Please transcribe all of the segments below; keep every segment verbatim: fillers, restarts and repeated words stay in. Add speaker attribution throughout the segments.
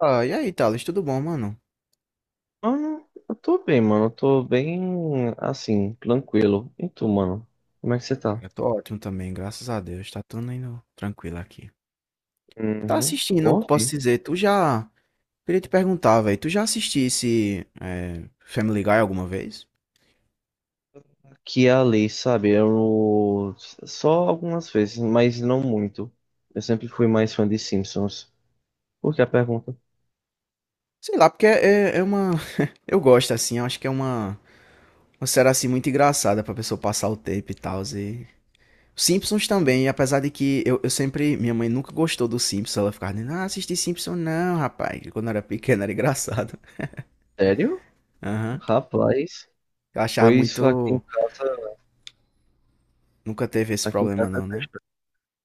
Speaker 1: Ah, e aí, Thales, tudo bom, mano?
Speaker 2: Mano, eu tô bem, mano. Eu tô bem, assim, tranquilo. E tu, mano? Como é que você tá?
Speaker 1: Cara, eu tô ótimo também, graças a Deus, tá tudo indo tranquilo aqui. Tá
Speaker 2: Uhum.
Speaker 1: assistindo, o
Speaker 2: Bom
Speaker 1: que
Speaker 2: ouvir.
Speaker 1: posso dizer? Tu já. Queria te perguntar, velho, tu já assistisse é, Family Guy alguma vez?
Speaker 2: Aqui e ali, sabe? Eu só algumas vezes, mas não muito. Eu sempre fui mais fã de Simpsons. Por que a pergunta?
Speaker 1: Sei lá, porque é, é é uma. Eu gosto, assim, eu acho que é uma. Uma série assim muito engraçada pra pessoa passar o tempo e tal. E... Simpsons também, apesar de que eu, eu sempre. Minha mãe nunca gostou do Simpsons, ela ficava dizendo, ah, assisti Simpsons não, rapaz. Quando eu era pequena era engraçado.
Speaker 2: Sério?
Speaker 1: Aham.
Speaker 2: Rapaz,
Speaker 1: Eu achava
Speaker 2: pois aqui em
Speaker 1: muito.
Speaker 2: casa,
Speaker 1: Nunca teve esse
Speaker 2: aqui em
Speaker 1: problema
Speaker 2: casa,
Speaker 1: não, né?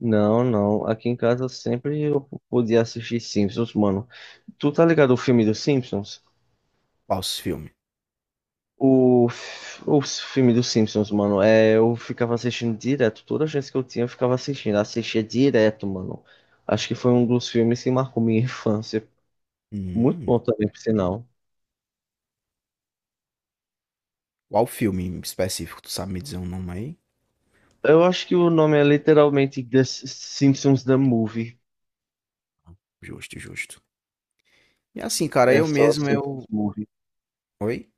Speaker 2: não, não. Aqui em casa sempre eu podia assistir Simpsons, mano. Tu tá ligado ao filme dos Simpsons?
Speaker 1: Qual os filmes?
Speaker 2: O, f- o filme dos Simpsons, mano, é, eu ficava assistindo direto. Toda chance que eu tinha, eu ficava assistindo. Assistia direto, mano. Acho que foi um dos filmes que marcou minha infância. Muito
Speaker 1: Hum,
Speaker 2: bom também, por sinal.
Speaker 1: qual filme em específico? Tu sabe me dizer um nome aí?
Speaker 2: Eu acho que o nome é literalmente The S- Simpsons The Movie.
Speaker 1: Justo, justo. E assim, cara,
Speaker 2: É
Speaker 1: eu
Speaker 2: só
Speaker 1: mesmo,
Speaker 2: Simpsons
Speaker 1: eu...
Speaker 2: Movie.
Speaker 1: Oi?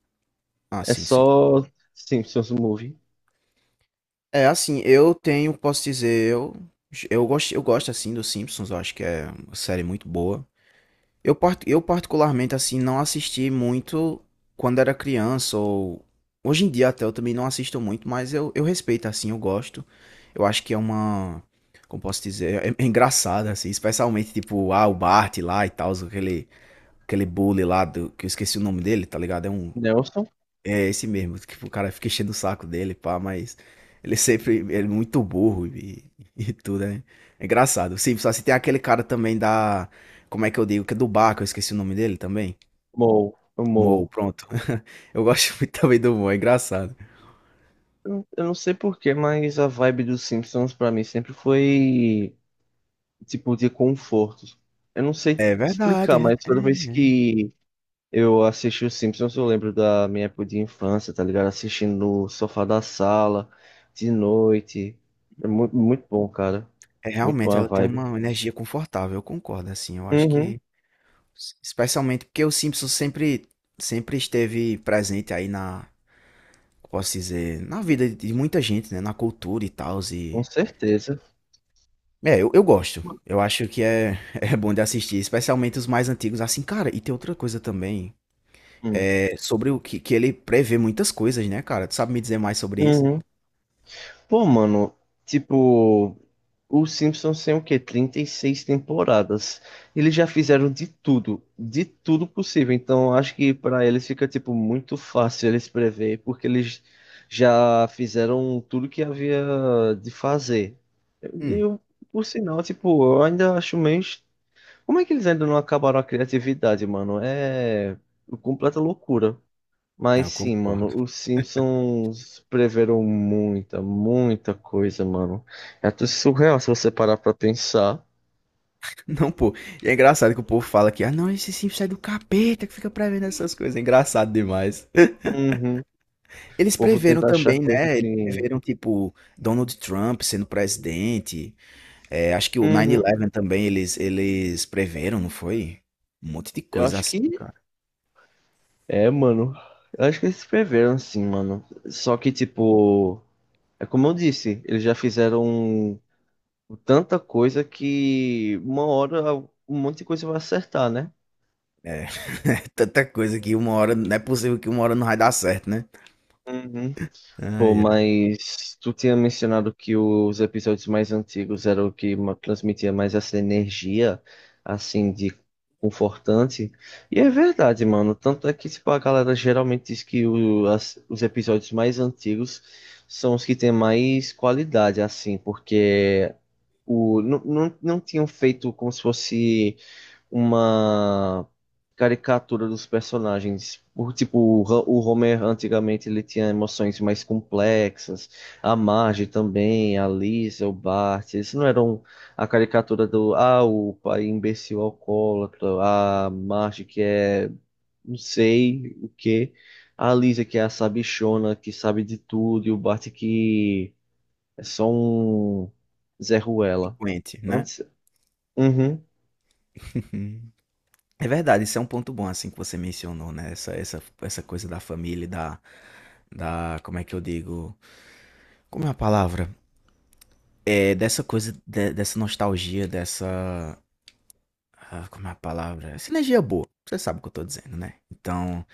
Speaker 1: Ah,
Speaker 2: É
Speaker 1: sim, sim.
Speaker 2: só Simpsons Movie.
Speaker 1: É, assim, eu tenho, posso dizer, eu... Eu gosto, eu gosto, assim, dos Simpsons. Eu acho que é uma série muito boa. Eu, part- eu particularmente, assim, não assisti muito quando era criança, ou hoje em dia até eu também não assisto muito, mas eu, eu respeito, assim, eu gosto. Eu acho que é uma, como posso dizer, é, é engraçada, assim, especialmente, tipo, ah, o Bart lá e tal, aquele, aquele bully lá, do, que eu esqueci o nome dele, tá ligado? É um
Speaker 2: Nelson?
Speaker 1: é esse mesmo, tipo, o cara fica enchendo o saco dele, pá, mas ele sempre ele é muito burro e, e tudo, né? É engraçado. Sim, só se tem aquele cara também da. Como é que eu digo? Que é do bar, que eu esqueci o nome dele também.
Speaker 2: Moe.
Speaker 1: Mo,
Speaker 2: Moe.
Speaker 1: pronto. Eu gosto muito também do Mo, é engraçado.
Speaker 2: Eu não eu não sei porquê, mas a vibe dos Simpsons pra mim sempre foi tipo de conforto. Eu não sei te
Speaker 1: É
Speaker 2: explicar,
Speaker 1: verdade,
Speaker 2: mas toda
Speaker 1: é.
Speaker 2: vez que eu assisti os Simpsons, eu lembro da minha época de infância, tá ligado? Assistindo no sofá da sala, de noite. É muito, muito bom, cara.
Speaker 1: É,
Speaker 2: Muito
Speaker 1: realmente
Speaker 2: boa a
Speaker 1: ela tem
Speaker 2: vibe.
Speaker 1: uma energia confortável, eu concordo, assim, eu acho
Speaker 2: Uhum,
Speaker 1: que. Especialmente porque o Simpson sempre, sempre esteve presente aí na. Posso dizer, na vida de muita gente, né? Na cultura e tal,
Speaker 2: com
Speaker 1: e
Speaker 2: certeza.
Speaker 1: é, eu, eu gosto. Eu acho que é, é bom de assistir, especialmente os mais antigos. Assim, cara, e tem outra coisa também.
Speaker 2: Hum.
Speaker 1: É sobre o que, que ele prevê muitas coisas, né, cara? Tu sabe me dizer mais sobre isso?
Speaker 2: Uhum. Pô, mano, tipo, os Simpsons têm o quê? Trinta e seis temporadas. Eles já fizeram de tudo, de tudo possível. Então acho que para eles fica tipo muito fácil eles prever, porque eles já fizeram tudo que havia de fazer. E
Speaker 1: Hum,
Speaker 2: eu, por sinal, tipo, eu ainda acho meio. est- Como é que eles ainda não acabaram a criatividade, mano? É é completa loucura.
Speaker 1: ah,
Speaker 2: Mas
Speaker 1: eu
Speaker 2: sim,
Speaker 1: concordo.
Speaker 2: mano, os Simpsons preveram muita, muita coisa, mano. É até surreal se você parar pra pensar.
Speaker 1: Não, pô. E é engraçado que o povo fala que, ah, não, esse Simpsons é do capeta que fica prevendo essas coisas. É engraçado demais.
Speaker 2: Uhum. O
Speaker 1: Eles
Speaker 2: povo
Speaker 1: preveram
Speaker 2: tenta achar
Speaker 1: também,
Speaker 2: coisa
Speaker 1: né? Eles
Speaker 2: que.
Speaker 1: preveram, tipo, Donald Trump sendo presidente. É, acho que o
Speaker 2: Uhum.
Speaker 1: nove onze também eles, eles preveram, não foi? Um monte de
Speaker 2: Eu
Speaker 1: coisa
Speaker 2: acho
Speaker 1: assim,
Speaker 2: que.
Speaker 1: cara.
Speaker 2: É, mano. Eu acho que eles preveram sim, mano. Só que, tipo. É como eu disse, eles já fizeram tanta coisa que uma hora um monte de coisa vai acertar, né?
Speaker 1: É, tanta coisa que uma hora, não é possível que uma hora não vai dar certo, né?
Speaker 2: Uhum. Pô,
Speaker 1: Ai, ai,
Speaker 2: mas tu tinha mencionado que os episódios mais antigos eram o que ma- transmitia mais essa energia, assim, de confortante. E é verdade, mano. Tanto é que, tipo, a galera geralmente diz que o- as- os episódios mais antigos são os que têm mais qualidade, assim, porque o, não, não, não tinham feito como se fosse uma caricatura dos personagens. O, tipo, o Ho- o Homer antigamente ele tinha emoções mais complexas, a Marge também, a Lisa, o Bart, eles não eram a caricatura do, ah, o pai imbecil alcoólatra, "Ah, a Marge que é não sei o quê, a Lisa que é a sabichona, que sabe de tudo, e o Bart que é só um Zé Ruela.
Speaker 1: delinquente, né?
Speaker 2: Antes... Uhum,
Speaker 1: Uhum. É verdade, isso é um ponto bom, assim, que você mencionou, né? Essa, essa, essa coisa da família, e da, da, como é que eu digo? Como é a palavra? É, dessa coisa, de- dessa nostalgia, dessa, ah, como é a palavra? Sinergia boa, você sabe o que eu tô dizendo, né? Então,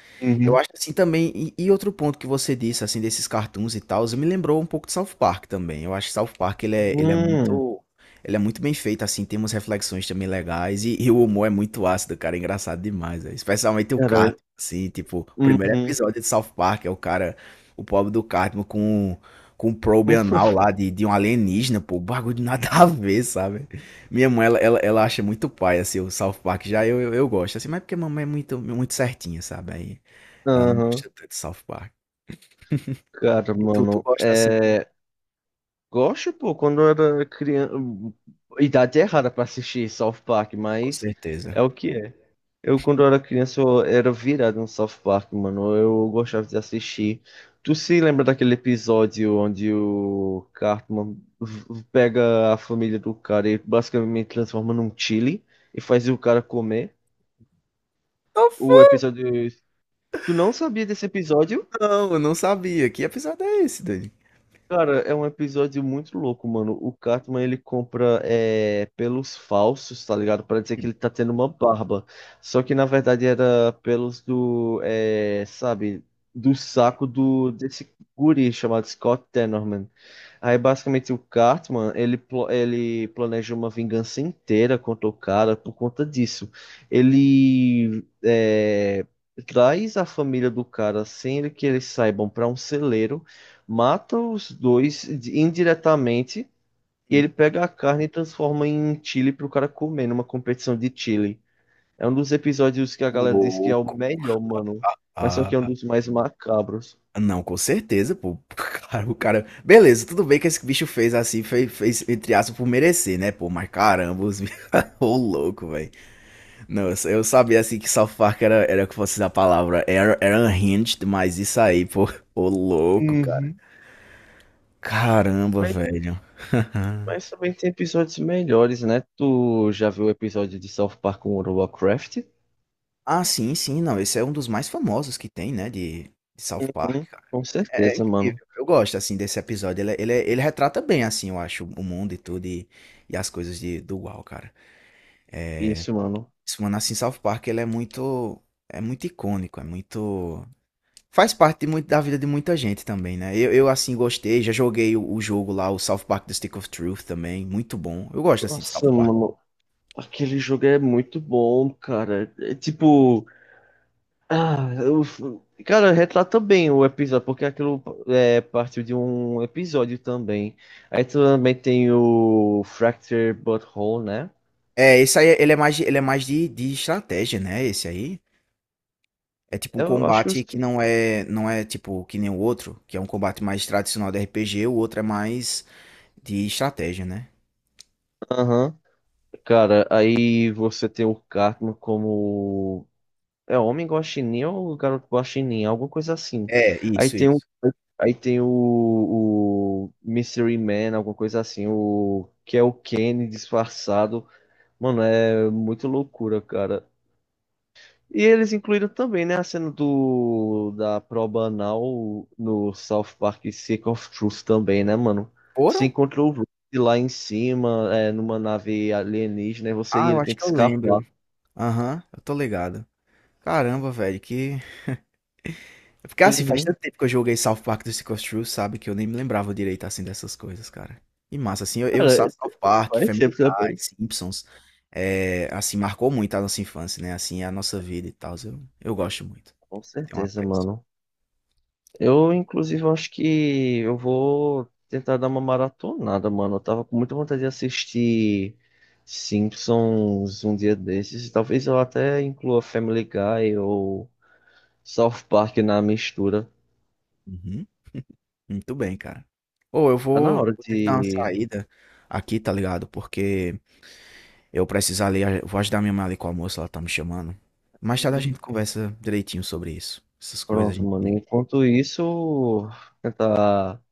Speaker 1: eu
Speaker 2: uhum.
Speaker 1: acho assim também, e, e outro ponto que você disse, assim, desses cartoons e tal, me lembrou um pouco de South Park também. Eu acho que South Park, ele é, ele é
Speaker 2: Hum,
Speaker 1: muito, ele é muito bem feito, assim, tem umas reflexões também legais, e, e o humor é muito ácido, cara, é engraçado demais, velho. Especialmente o
Speaker 2: cara,
Speaker 1: Cartman, assim, tipo, o primeiro
Speaker 2: Uhum.
Speaker 1: episódio de South Park é o cara, o pobre do Cartman com, com um probe anal lá de, de um alienígena, pô, bagulho de nada a ver, sabe? Minha mãe, ela, ela, ela acha muito pai, assim, o South Park, já eu, eu, eu gosto, assim, mas é porque a mamãe é muito, muito certinha, sabe? Aí... Ela não
Speaker 2: Aham.
Speaker 1: gosta tanto de South Park.
Speaker 2: Cara,
Speaker 1: E tu, tu
Speaker 2: mano,
Speaker 1: gosta assim
Speaker 2: é... Gosto, pô, quando eu era criança... Idade errada pra assistir South Park,
Speaker 1: com
Speaker 2: mas
Speaker 1: certeza.
Speaker 2: é o que é. Eu, quando eu era criança, eu era virado no South Park, mano. Eu gostava de assistir. Tu se lembra daquele episódio onde o Cartman v- pega a família do cara e basicamente transforma num chili e faz o cara comer?
Speaker 1: Tô
Speaker 2: O
Speaker 1: fã.
Speaker 2: episódio... Tu não sabia desse episódio?
Speaker 1: Não, eu não sabia. Que episódio é esse, Dani?
Speaker 2: Cara, é um episódio muito louco, mano. O Cartman, ele compra é, pelos falsos, tá ligado? Pra dizer que ele tá tendo uma barba. Só que, na verdade, era pelos do, é, sabe, do
Speaker 1: Hum,
Speaker 2: saco do desse guri chamado Scott Tenorman. Aí basicamente o Cartman, ele, plo- ele planeja uma vingança inteira contra o cara por conta disso. Ele é, traz a família do cara sem ele que eles saibam para um celeiro, mata os dois de- indiretamente e ele
Speaker 1: hum.
Speaker 2: pega a carne e transforma em chili pro cara comer numa competição de chili. É um dos episódios que a galera diz que é o
Speaker 1: Louco.
Speaker 2: melhor, mano, mas só que é um
Speaker 1: Ah,
Speaker 2: dos mais macabros.
Speaker 1: não, com certeza, pô. Cara, o cara. Beleza, tudo bem que esse bicho fez assim, fez, fez entre aspas por merecer, né, pô? Mas caramba, os bichos. Ô, louco, velho. Não, eu, sa- eu sabia assim que South Park era, era que fosse a palavra. Era, era unhinged, mas isso aí, pô. Ô, louco, cara.
Speaker 2: Uhum.
Speaker 1: Caramba, velho.
Speaker 2: Mas também tem episódios melhores, né? Tu já viu o episódio de South Park com o Warcraft?
Speaker 1: Ah, sim, sim. Não, esse é um dos mais famosos que tem, né, de de South Park,
Speaker 2: Uhum,
Speaker 1: cara.
Speaker 2: com
Speaker 1: É é
Speaker 2: certeza, mano.
Speaker 1: incrível. Eu gosto, assim, desse episódio. Ele é, ele é, ele retrata bem, assim, eu acho, o mundo e tudo e e as coisas de do U O L, cara.
Speaker 2: Isso, mano.
Speaker 1: Esse mano, assim, South Park, ele é muito é muito icônico, é muito faz parte de muito da vida de muita gente também, né. Eu eu, assim, gostei. Já joguei o o jogo lá, o South Park: The Stick of Truth também, muito bom. Eu gosto, assim, de South
Speaker 2: Nossa,
Speaker 1: Park.
Speaker 2: mano. Aquele jogo é muito bom, cara. É tipo. Ah, eu... Cara, retrata bem o episódio, porque aquilo é, partiu de um episódio também. Aí também tem o Fracture Butthole, né?
Speaker 1: É, esse aí ele é mais de ele é mais de de estratégia, né, esse aí. É tipo um
Speaker 2: Eu acho que
Speaker 1: combate
Speaker 2: os.
Speaker 1: que não é não é tipo que nem o outro, que é um combate mais tradicional de R P G, o outro é mais de estratégia, né?
Speaker 2: Aham. Cara, aí você tem o Cartman como é Homem Guaxinim ou Garoto Guaxinim, alguma coisa assim.
Speaker 1: É,
Speaker 2: Aí
Speaker 1: isso,
Speaker 2: tem o,
Speaker 1: isso.
Speaker 2: aí tem o, o Mystery Man, alguma coisa assim, o que é o Kenny disfarçado. Mano, é muito loucura, cara. E eles incluíram também, né, a cena do da prova anal no South Park Stick of Truth também, né, mano? Se
Speaker 1: Foram?
Speaker 2: encontrou o Rick lá em cima, é, numa nave alienígena, e você
Speaker 1: Ah,
Speaker 2: e
Speaker 1: eu
Speaker 2: ele tem
Speaker 1: acho que
Speaker 2: que
Speaker 1: eu lembro.
Speaker 2: escapar.
Speaker 1: Aham, eu tô ligado. Caramba, velho, que. Porque assim, faz
Speaker 2: Uhum.
Speaker 1: tanto tempo que eu joguei South Park do Stick of Truth, sabe? Que eu nem me lembrava direito assim dessas coisas, cara. E massa, assim, eu, eu South
Speaker 2: Cara,
Speaker 1: Park,
Speaker 2: faz
Speaker 1: Family
Speaker 2: sempre
Speaker 1: Guy,
Speaker 2: também.
Speaker 1: Simpsons, é, assim, marcou muito a nossa infância, né? Assim, a nossa vida e tal. Eu, eu gosto muito.
Speaker 2: Com
Speaker 1: Tem um
Speaker 2: certeza,
Speaker 1: apreço.
Speaker 2: mano. Eu, inclusive, eu acho que eu vou tentar dar uma maratonada, mano. Eu tava com muita vontade de assistir Simpsons um dia desses. Talvez eu até inclua Family Guy ou South Park na mistura.
Speaker 1: Uhum. Muito bem, cara. Ou eu
Speaker 2: Tá na
Speaker 1: vou,
Speaker 2: hora
Speaker 1: vou ter que dar uma
Speaker 2: de.
Speaker 1: saída aqui, tá ligado? Porque eu preciso ali, eu vou ajudar minha mãe ali com o almoço, ela tá me chamando. Mais tarde a
Speaker 2: Uhum.
Speaker 1: gente conversa direitinho sobre isso. Essas coisas a
Speaker 2: Pronto, mano.
Speaker 1: gente.
Speaker 2: Enquanto isso, tentar,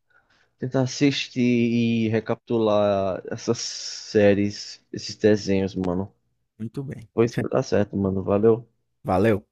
Speaker 2: tentar assistir e recapitular essas séries, esses desenhos, mano.
Speaker 1: Muito bem.
Speaker 2: Pois tá certo, mano. Valeu.
Speaker 1: Valeu.